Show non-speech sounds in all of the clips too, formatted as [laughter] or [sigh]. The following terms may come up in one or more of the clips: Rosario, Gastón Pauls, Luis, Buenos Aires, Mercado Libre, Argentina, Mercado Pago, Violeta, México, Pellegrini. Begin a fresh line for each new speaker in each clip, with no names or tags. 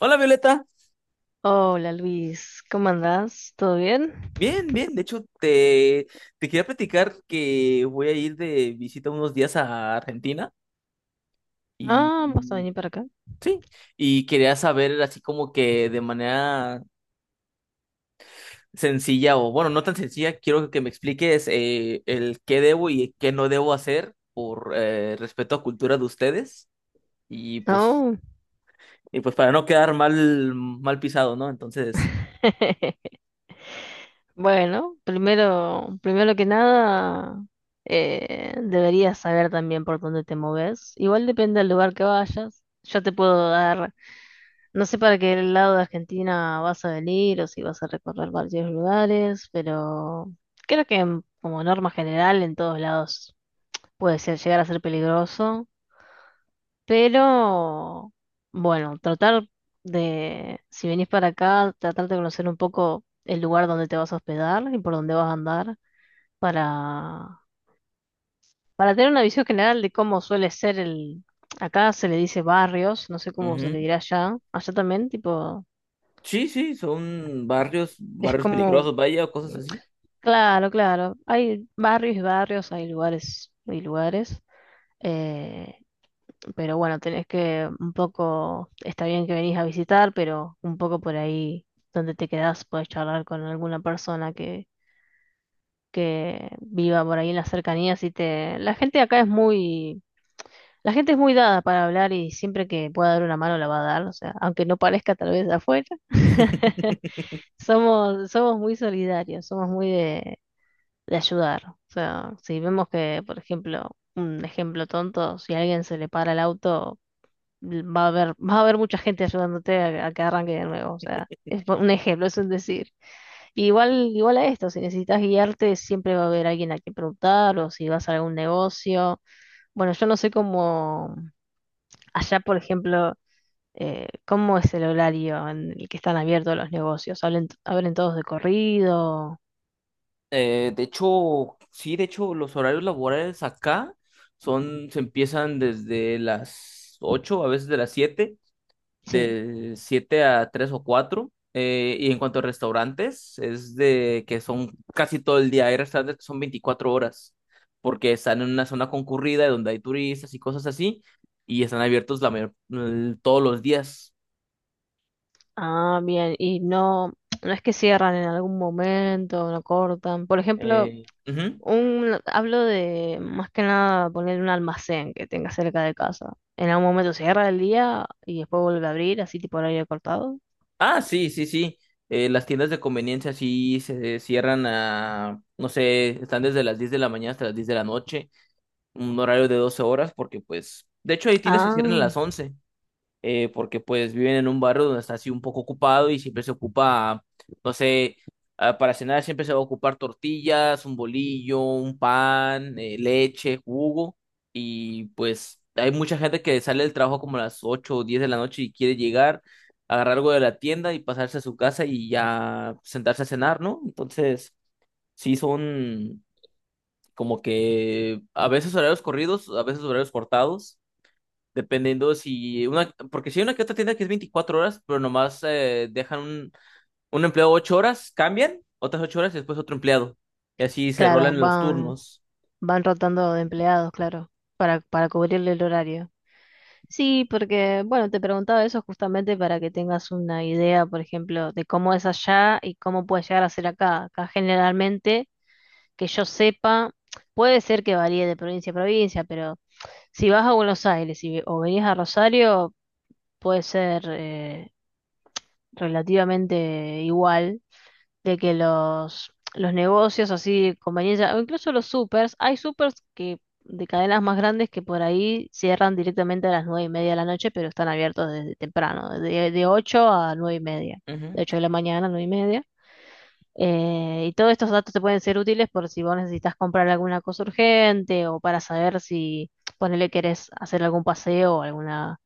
Hola Violeta,
Hola Luis, ¿cómo andás? ¿Todo bien?
bien, bien, de hecho te quería platicar que voy a ir de visita unos días a Argentina y,
Ah, ¿vas a venir para acá?
y quería saber así como que de manera sencilla o bueno, no tan sencilla, quiero que me expliques el qué debo y qué no debo hacer por respeto a cultura de ustedes y pues,
No.
y pues para no quedar mal pisado, ¿no? Entonces,
[laughs] Bueno, primero que nada, deberías saber también por dónde te moves. Igual depende del lugar que vayas. Yo te puedo dar, no sé para qué lado de Argentina vas a venir o si vas a recorrer varios lugares, pero creo que como norma general en todos lados puede ser, llegar a ser peligroso. Pero, bueno, tratar si venís para acá, tratar de conocer un poco el lugar donde te vas a hospedar y por dónde vas a andar para, para tener una visión general de cómo suele ser el... Acá se le dice barrios, no sé cómo se
ujú.
le dirá allá. Allá también, tipo,
Sí, sí, son barrios,
es
barrios
como,
peligrosos, vaya, o cosas así.
claro, claro, hay barrios y barrios, hay lugares y lugares. Eh, pero bueno, tenés que un poco, está bien que venís a visitar, pero un poco por ahí donde te quedás, podés charlar con alguna persona que viva por ahí en las cercanías y te... La gente acá es muy... La gente es muy dada para hablar y siempre que pueda dar una mano la va a dar, o sea, aunque no parezca tal vez de afuera, [laughs]
[laughs]
somos muy solidarios, somos muy de ayudar. O sea, si vemos que, por ejemplo, un ejemplo tonto, si a alguien se le para el auto, va a haber mucha gente ayudándote a que arranque de nuevo. O sea, es un ejemplo, es un decir. Y igual, igual a esto, si necesitas guiarte, siempre va a haber alguien a quien preguntar o si vas a algún negocio. Bueno, yo no sé cómo, allá, por ejemplo, cómo es el horario en el que están abiertos los negocios. ¿Hablen, abren todos de corrido?
De hecho, sí, de hecho, los horarios laborales acá se empiezan desde las 8 a veces de las 7,
Sí.
de 7 a 3 o 4. Y en cuanto a restaurantes, es de que son casi todo el día. Hay restaurantes que son 24 horas, porque están en una zona concurrida donde hay turistas y cosas así, y están abiertos todos los días.
Ah, bien. Y no, no es que cierran en algún momento, no cortan. Por ejemplo,
Ujú.
Un, hablo de más que nada poner un almacén que tenga cerca de casa. En algún momento cierra el día y después vuelve a abrir, así tipo horario cortado.
Ah, sí, sí, sí. Las tiendas de conveniencia sí se cierran a, no sé, están desde las 10 de la mañana hasta las 10 de la noche, un horario de 12 horas, porque pues, de hecho hay tiendas que
Ah,
cierran a las 11, porque pues viven en un barrio donde está así un poco ocupado y siempre se ocupa, no sé, para cenar siempre se va a ocupar tortillas, un bolillo, un pan, leche, jugo y pues hay mucha gente que sale del trabajo como a las 8 o 10 de la noche y quiere llegar, agarrar algo de la tienda y pasarse a su casa y ya sentarse a cenar, ¿no? Entonces, sí son como que a veces horarios corridos, a veces horarios cortados. Dependiendo porque si hay una que otra tienda que es 24 horas, pero nomás dejan un empleado 8 horas, cambian otras 8 horas y después otro empleado. Y así se
claro,
rolan en los
van,
turnos.
van rotando de empleados, claro, para cubrirle el horario. Sí, porque, bueno, te preguntaba eso justamente para que tengas una idea, por ejemplo, de cómo es allá y cómo puede llegar a ser acá. Acá generalmente, que yo sepa, puede ser que varíe de provincia a provincia, pero si vas a Buenos Aires o venís a Rosario, puede ser relativamente igual de que los negocios así de conveniencia, o incluso los supers, hay supers que de cadenas más grandes que por ahí cierran directamente a las nueve y media de la noche, pero están abiertos desde temprano, de 8 a nueve y media, de
Ujú,
8 de la mañana a nueve y media. Y todos estos datos te pueden ser útiles por si vos necesitas comprar alguna cosa urgente o para saber si ponele querés hacer algún paseo o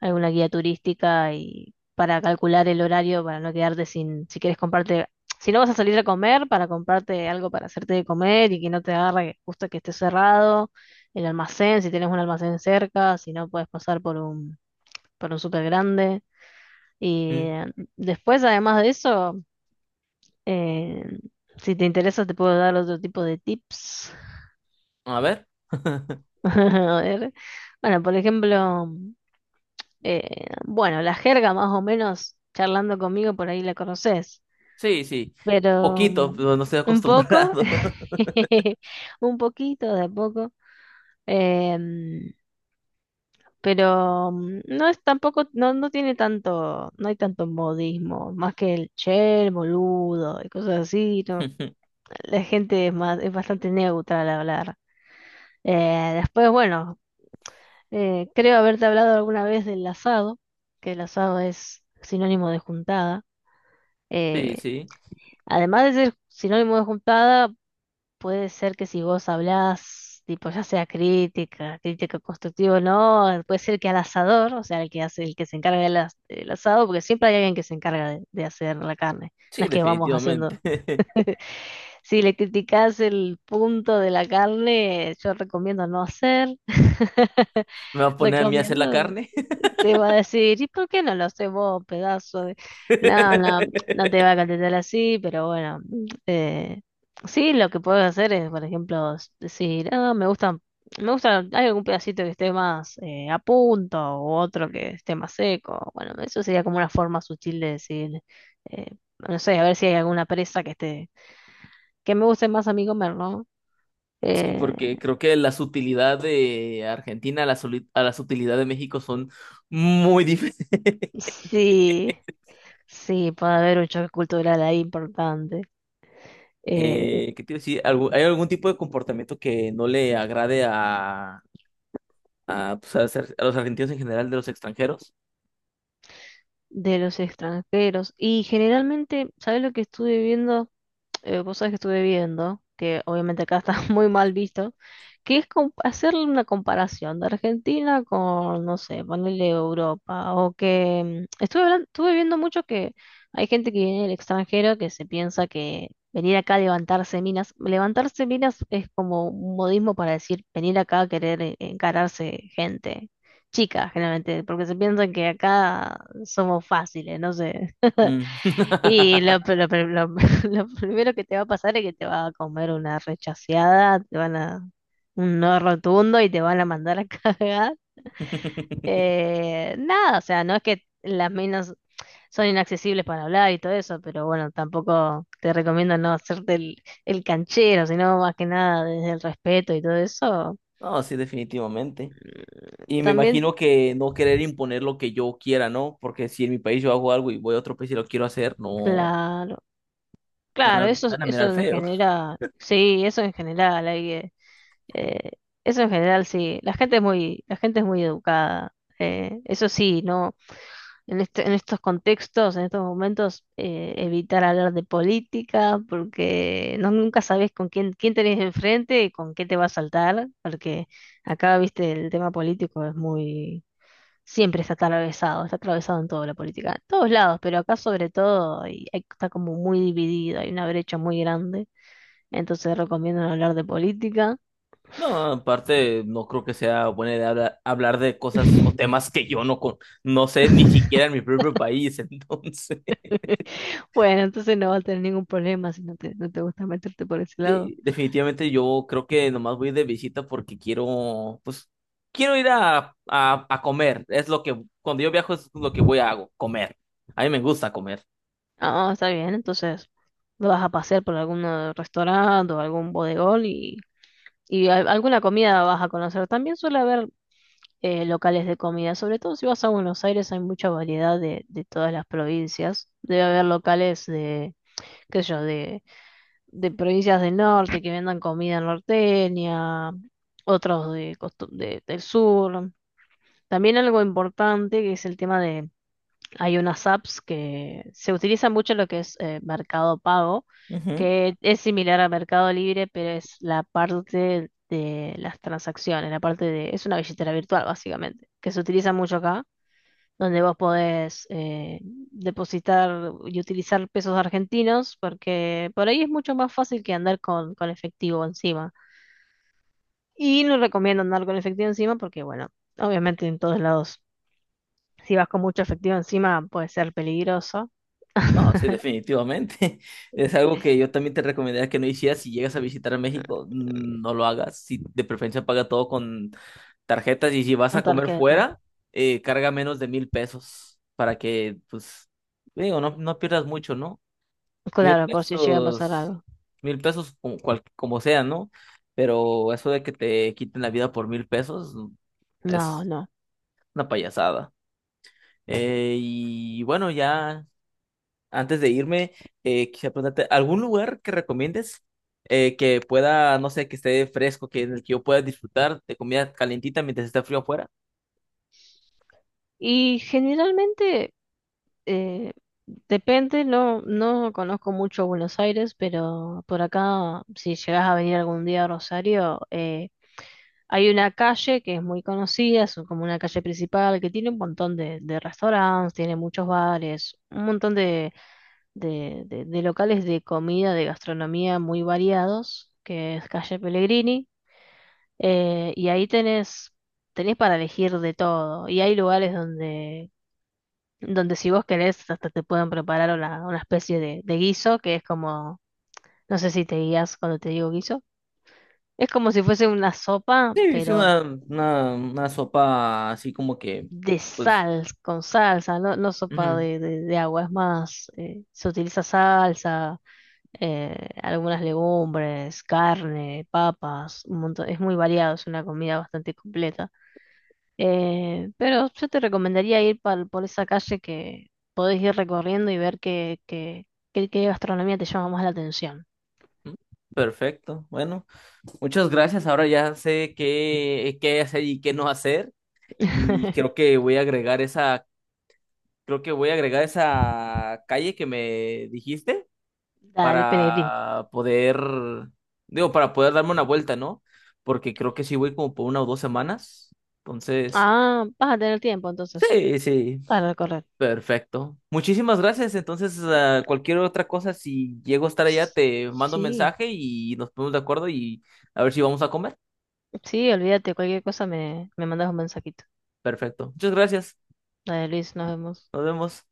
alguna guía turística y para calcular el horario, para no quedarte sin, si quieres comprarte, si no vas a salir a comer, para comprarte algo para hacerte de comer y que no te agarre justo que esté cerrado, el almacén, si tienes un almacén cerca, si no puedes pasar por por un súper grande. Y
ujú.
después, además de eso, eh, si te interesa, te puedo dar otro tipo de tips.
A ver. [laughs]
[laughs] A ver. Bueno, por ejemplo. Bueno, la jerga más o menos, charlando conmigo por ahí la conoces,
Sí, sí.
pero
Poquito, pero no estoy
un poco,
acostumbrado.
[laughs] un poquito de a poco, em, pero no es tampoco, no, no tiene tanto, no hay tanto modismo, más que el che, el boludo y cosas así, ¿no?
[laughs]
La gente es más, es bastante neutra al hablar. Después, bueno, creo haberte hablado alguna vez del asado, que el asado es sinónimo de juntada.
Sí,
Eh,
sí.
Además de ser sinónimo de juntada, puede ser que si vos hablás, tipo, ya sea crítica, crítica constructiva o no, puede ser que al asador, o sea, el que hace, el que se encarga del asado, porque siempre hay alguien que se encarga de hacer la carne. No
Sí,
es que vamos haciendo.
definitivamente. [laughs]
Si le criticás el punto de la carne, yo recomiendo no hacer. [laughs]
Me va a poner a mí a hacer la
Recomiendo.
carne.
Te va a decir, ¿y por qué no lo haces vos, pedazo de...? No, no, no te va a
[laughs]
contestar así, pero bueno. eh, sí, lo que puedes hacer es, por ejemplo, decir, ah, me gusta, hay algún pedacito que esté más a punto o otro que esté más seco. Bueno, eso sería como una forma sutil de decir, eh, no sé, a ver si hay alguna presa que esté, que me guste más a mí comer, ¿no?
Sí,
Eh,
porque creo que las utilidades de Argentina a las utilidades de México son muy diferentes.
[laughs]
[laughs]
sí, sí, puede haber un choque cultural ahí importante. Eh,
¿Qué te iba a decir? ¿Hay algún tipo de comportamiento que no le agrade a, pues, a los argentinos en general de los extranjeros?
de los extranjeros. Y generalmente, ¿sabes lo que estuve viendo? Vos sabés que estuve viendo, que obviamente acá está [laughs] muy mal visto, que es hacerle una comparación de Argentina con, no sé, ponerle Europa, o que estuve viendo mucho que hay gente que viene del extranjero que se piensa que venir acá a levantarse minas es como un modismo para decir venir acá a querer encararse gente, chica, generalmente, porque se piensan que acá somos fáciles, no sé.
Mm.
Y lo,
[laughs]
pe- lo pe- lo- [laughs] lo primero que te va a pasar es que te va a comer una rechaceada, te van a un no rotundo y te van a mandar a [laughs] cagar. Nada, o sea, no es que las minas son inaccesibles para hablar y todo eso, pero bueno, tampoco te recomiendo no hacerte el canchero, sino más que nada desde el respeto y todo eso.
No, sí, definitivamente.
Mm,
Y me imagino
También,
que no querer imponer lo que yo quiera, ¿no? Porque si en mi país yo hago algo y voy a otro país y lo quiero hacer, no,
claro,
me van
claro,
a, me van a mirar
eso en
feo. [laughs]
genera, sí, eso en general, hay que Eh, eso en general sí, la gente es muy educada. Eso sí, no, en estos contextos, en estos momentos, evitar hablar de política, porque no, nunca sabes con quién, quién tenés enfrente y con qué te va a saltar, porque acá, viste, el tema político es muy, siempre está atravesado en toda la política, en todos lados, pero acá sobre todo, y está como muy dividido, hay una brecha muy grande, entonces recomiendo no hablar de política.
No, aparte, no creo que sea buena idea hablar, de cosas o
[laughs]
temas que yo no, con, no sé ni siquiera en mi propio país, [laughs] entonces.
[laughs] Bueno, entonces no va a tener ningún problema si no te, no te gusta meterte por ese lado.
Sí, definitivamente yo creo que nomás voy de visita porque quiero, pues, quiero ir a comer. Es lo que, cuando yo viajo es lo que voy a hago, comer. A mí me gusta comer.
Ah, está bien, entonces lo vas a pasear por algún restaurante o algún bodegón y alguna comida vas a conocer. También suele haber locales de comida, sobre todo si vas a Buenos Aires hay mucha variedad de todas las provincias. Debe haber locales de, qué sé yo, de provincias del norte que vendan comida norteña, otros de, del sur. También algo importante que es el tema de hay unas apps que se utiliza mucho en lo que es Mercado Pago,
Ujú.
que es similar a Mercado Libre, pero es la parte de las transacciones, la parte de, es una billetera virtual básicamente, que se utiliza mucho acá, donde vos podés depositar y utilizar pesos argentinos, porque por ahí es mucho más fácil que andar con efectivo encima. Y no recomiendo andar con efectivo encima porque, bueno, obviamente en todos lados si vas con mucho efectivo encima, puede ser peligroso.
No, sí,
[laughs]
definitivamente. [laughs] Es algo que yo también te recomendaría que no hicieras si llegas a visitar a México. No lo hagas. Si de preferencia paga todo con tarjetas y si vas
Con
a comer
tarjeta.
fuera, carga menos de 1,000 pesos para que, pues, digo, no, no pierdas mucho, ¿no? Mil
Claro, por si llega a pasar
pesos,
algo.
1,000 pesos como, como sea, ¿no? Pero eso de que te quiten la vida por mil pesos,
No,
es
no.
una payasada. Y bueno, ya antes de irme, quisiera preguntarte, ¿algún lugar que recomiendes, que pueda, no sé, que esté fresco, que en el que yo pueda disfrutar de comida calientita mientras está frío afuera?
Y generalmente, eh, depende, no, no conozco mucho Buenos Aires, pero por acá, si llegas a venir algún día a Rosario, hay una calle que es muy conocida, es como una calle principal que tiene un montón de restaurantes, tiene muchos bares, un montón de de locales de comida, de gastronomía muy variados, que es calle Pellegrini, y ahí tenés, tenés para elegir de todo, y hay lugares donde, donde si vos querés hasta te pueden preparar una especie de guiso, que es como, no sé si te guías cuando te digo guiso, es como si fuese una sopa,
Sí, hice
pero
una sopa así como que,
de
pues,
sal, con salsa, no, no sopa
ujú,
de, de agua, es más, se utiliza salsa algunas legumbres, carne, papas, un montón. Es muy variado, es una comida bastante completa. Pero yo te recomendaría ir por esa calle que podés ir recorriendo y ver qué, qué, qué, qué gastronomía te llama más la atención.
ujú, perfecto. Bueno, muchas gracias. Ahora ya sé qué hacer y qué no hacer. Y creo
[laughs]
que voy a agregar esa, creo que voy a agregar esa calle que me dijiste
Dale, Pellegrini.
para poder, digo, para poder darme una vuelta, ¿no? Porque creo que sí voy como por 1 o 2 semanas. Entonces,
Ah, vas a tener tiempo entonces
sí, sí.
para recorrer.
Perfecto. Muchísimas gracias. Entonces, ah, cualquier otra cosa, si llego a estar allá,
S-
te mando un
Sí,
mensaje y nos ponemos de acuerdo y a ver si vamos a comer.
sí, olvídate, cualquier cosa me, me mandas un mensajito.
Perfecto. Muchas gracias.
Dale, Luis, nos vemos.
Nos vemos.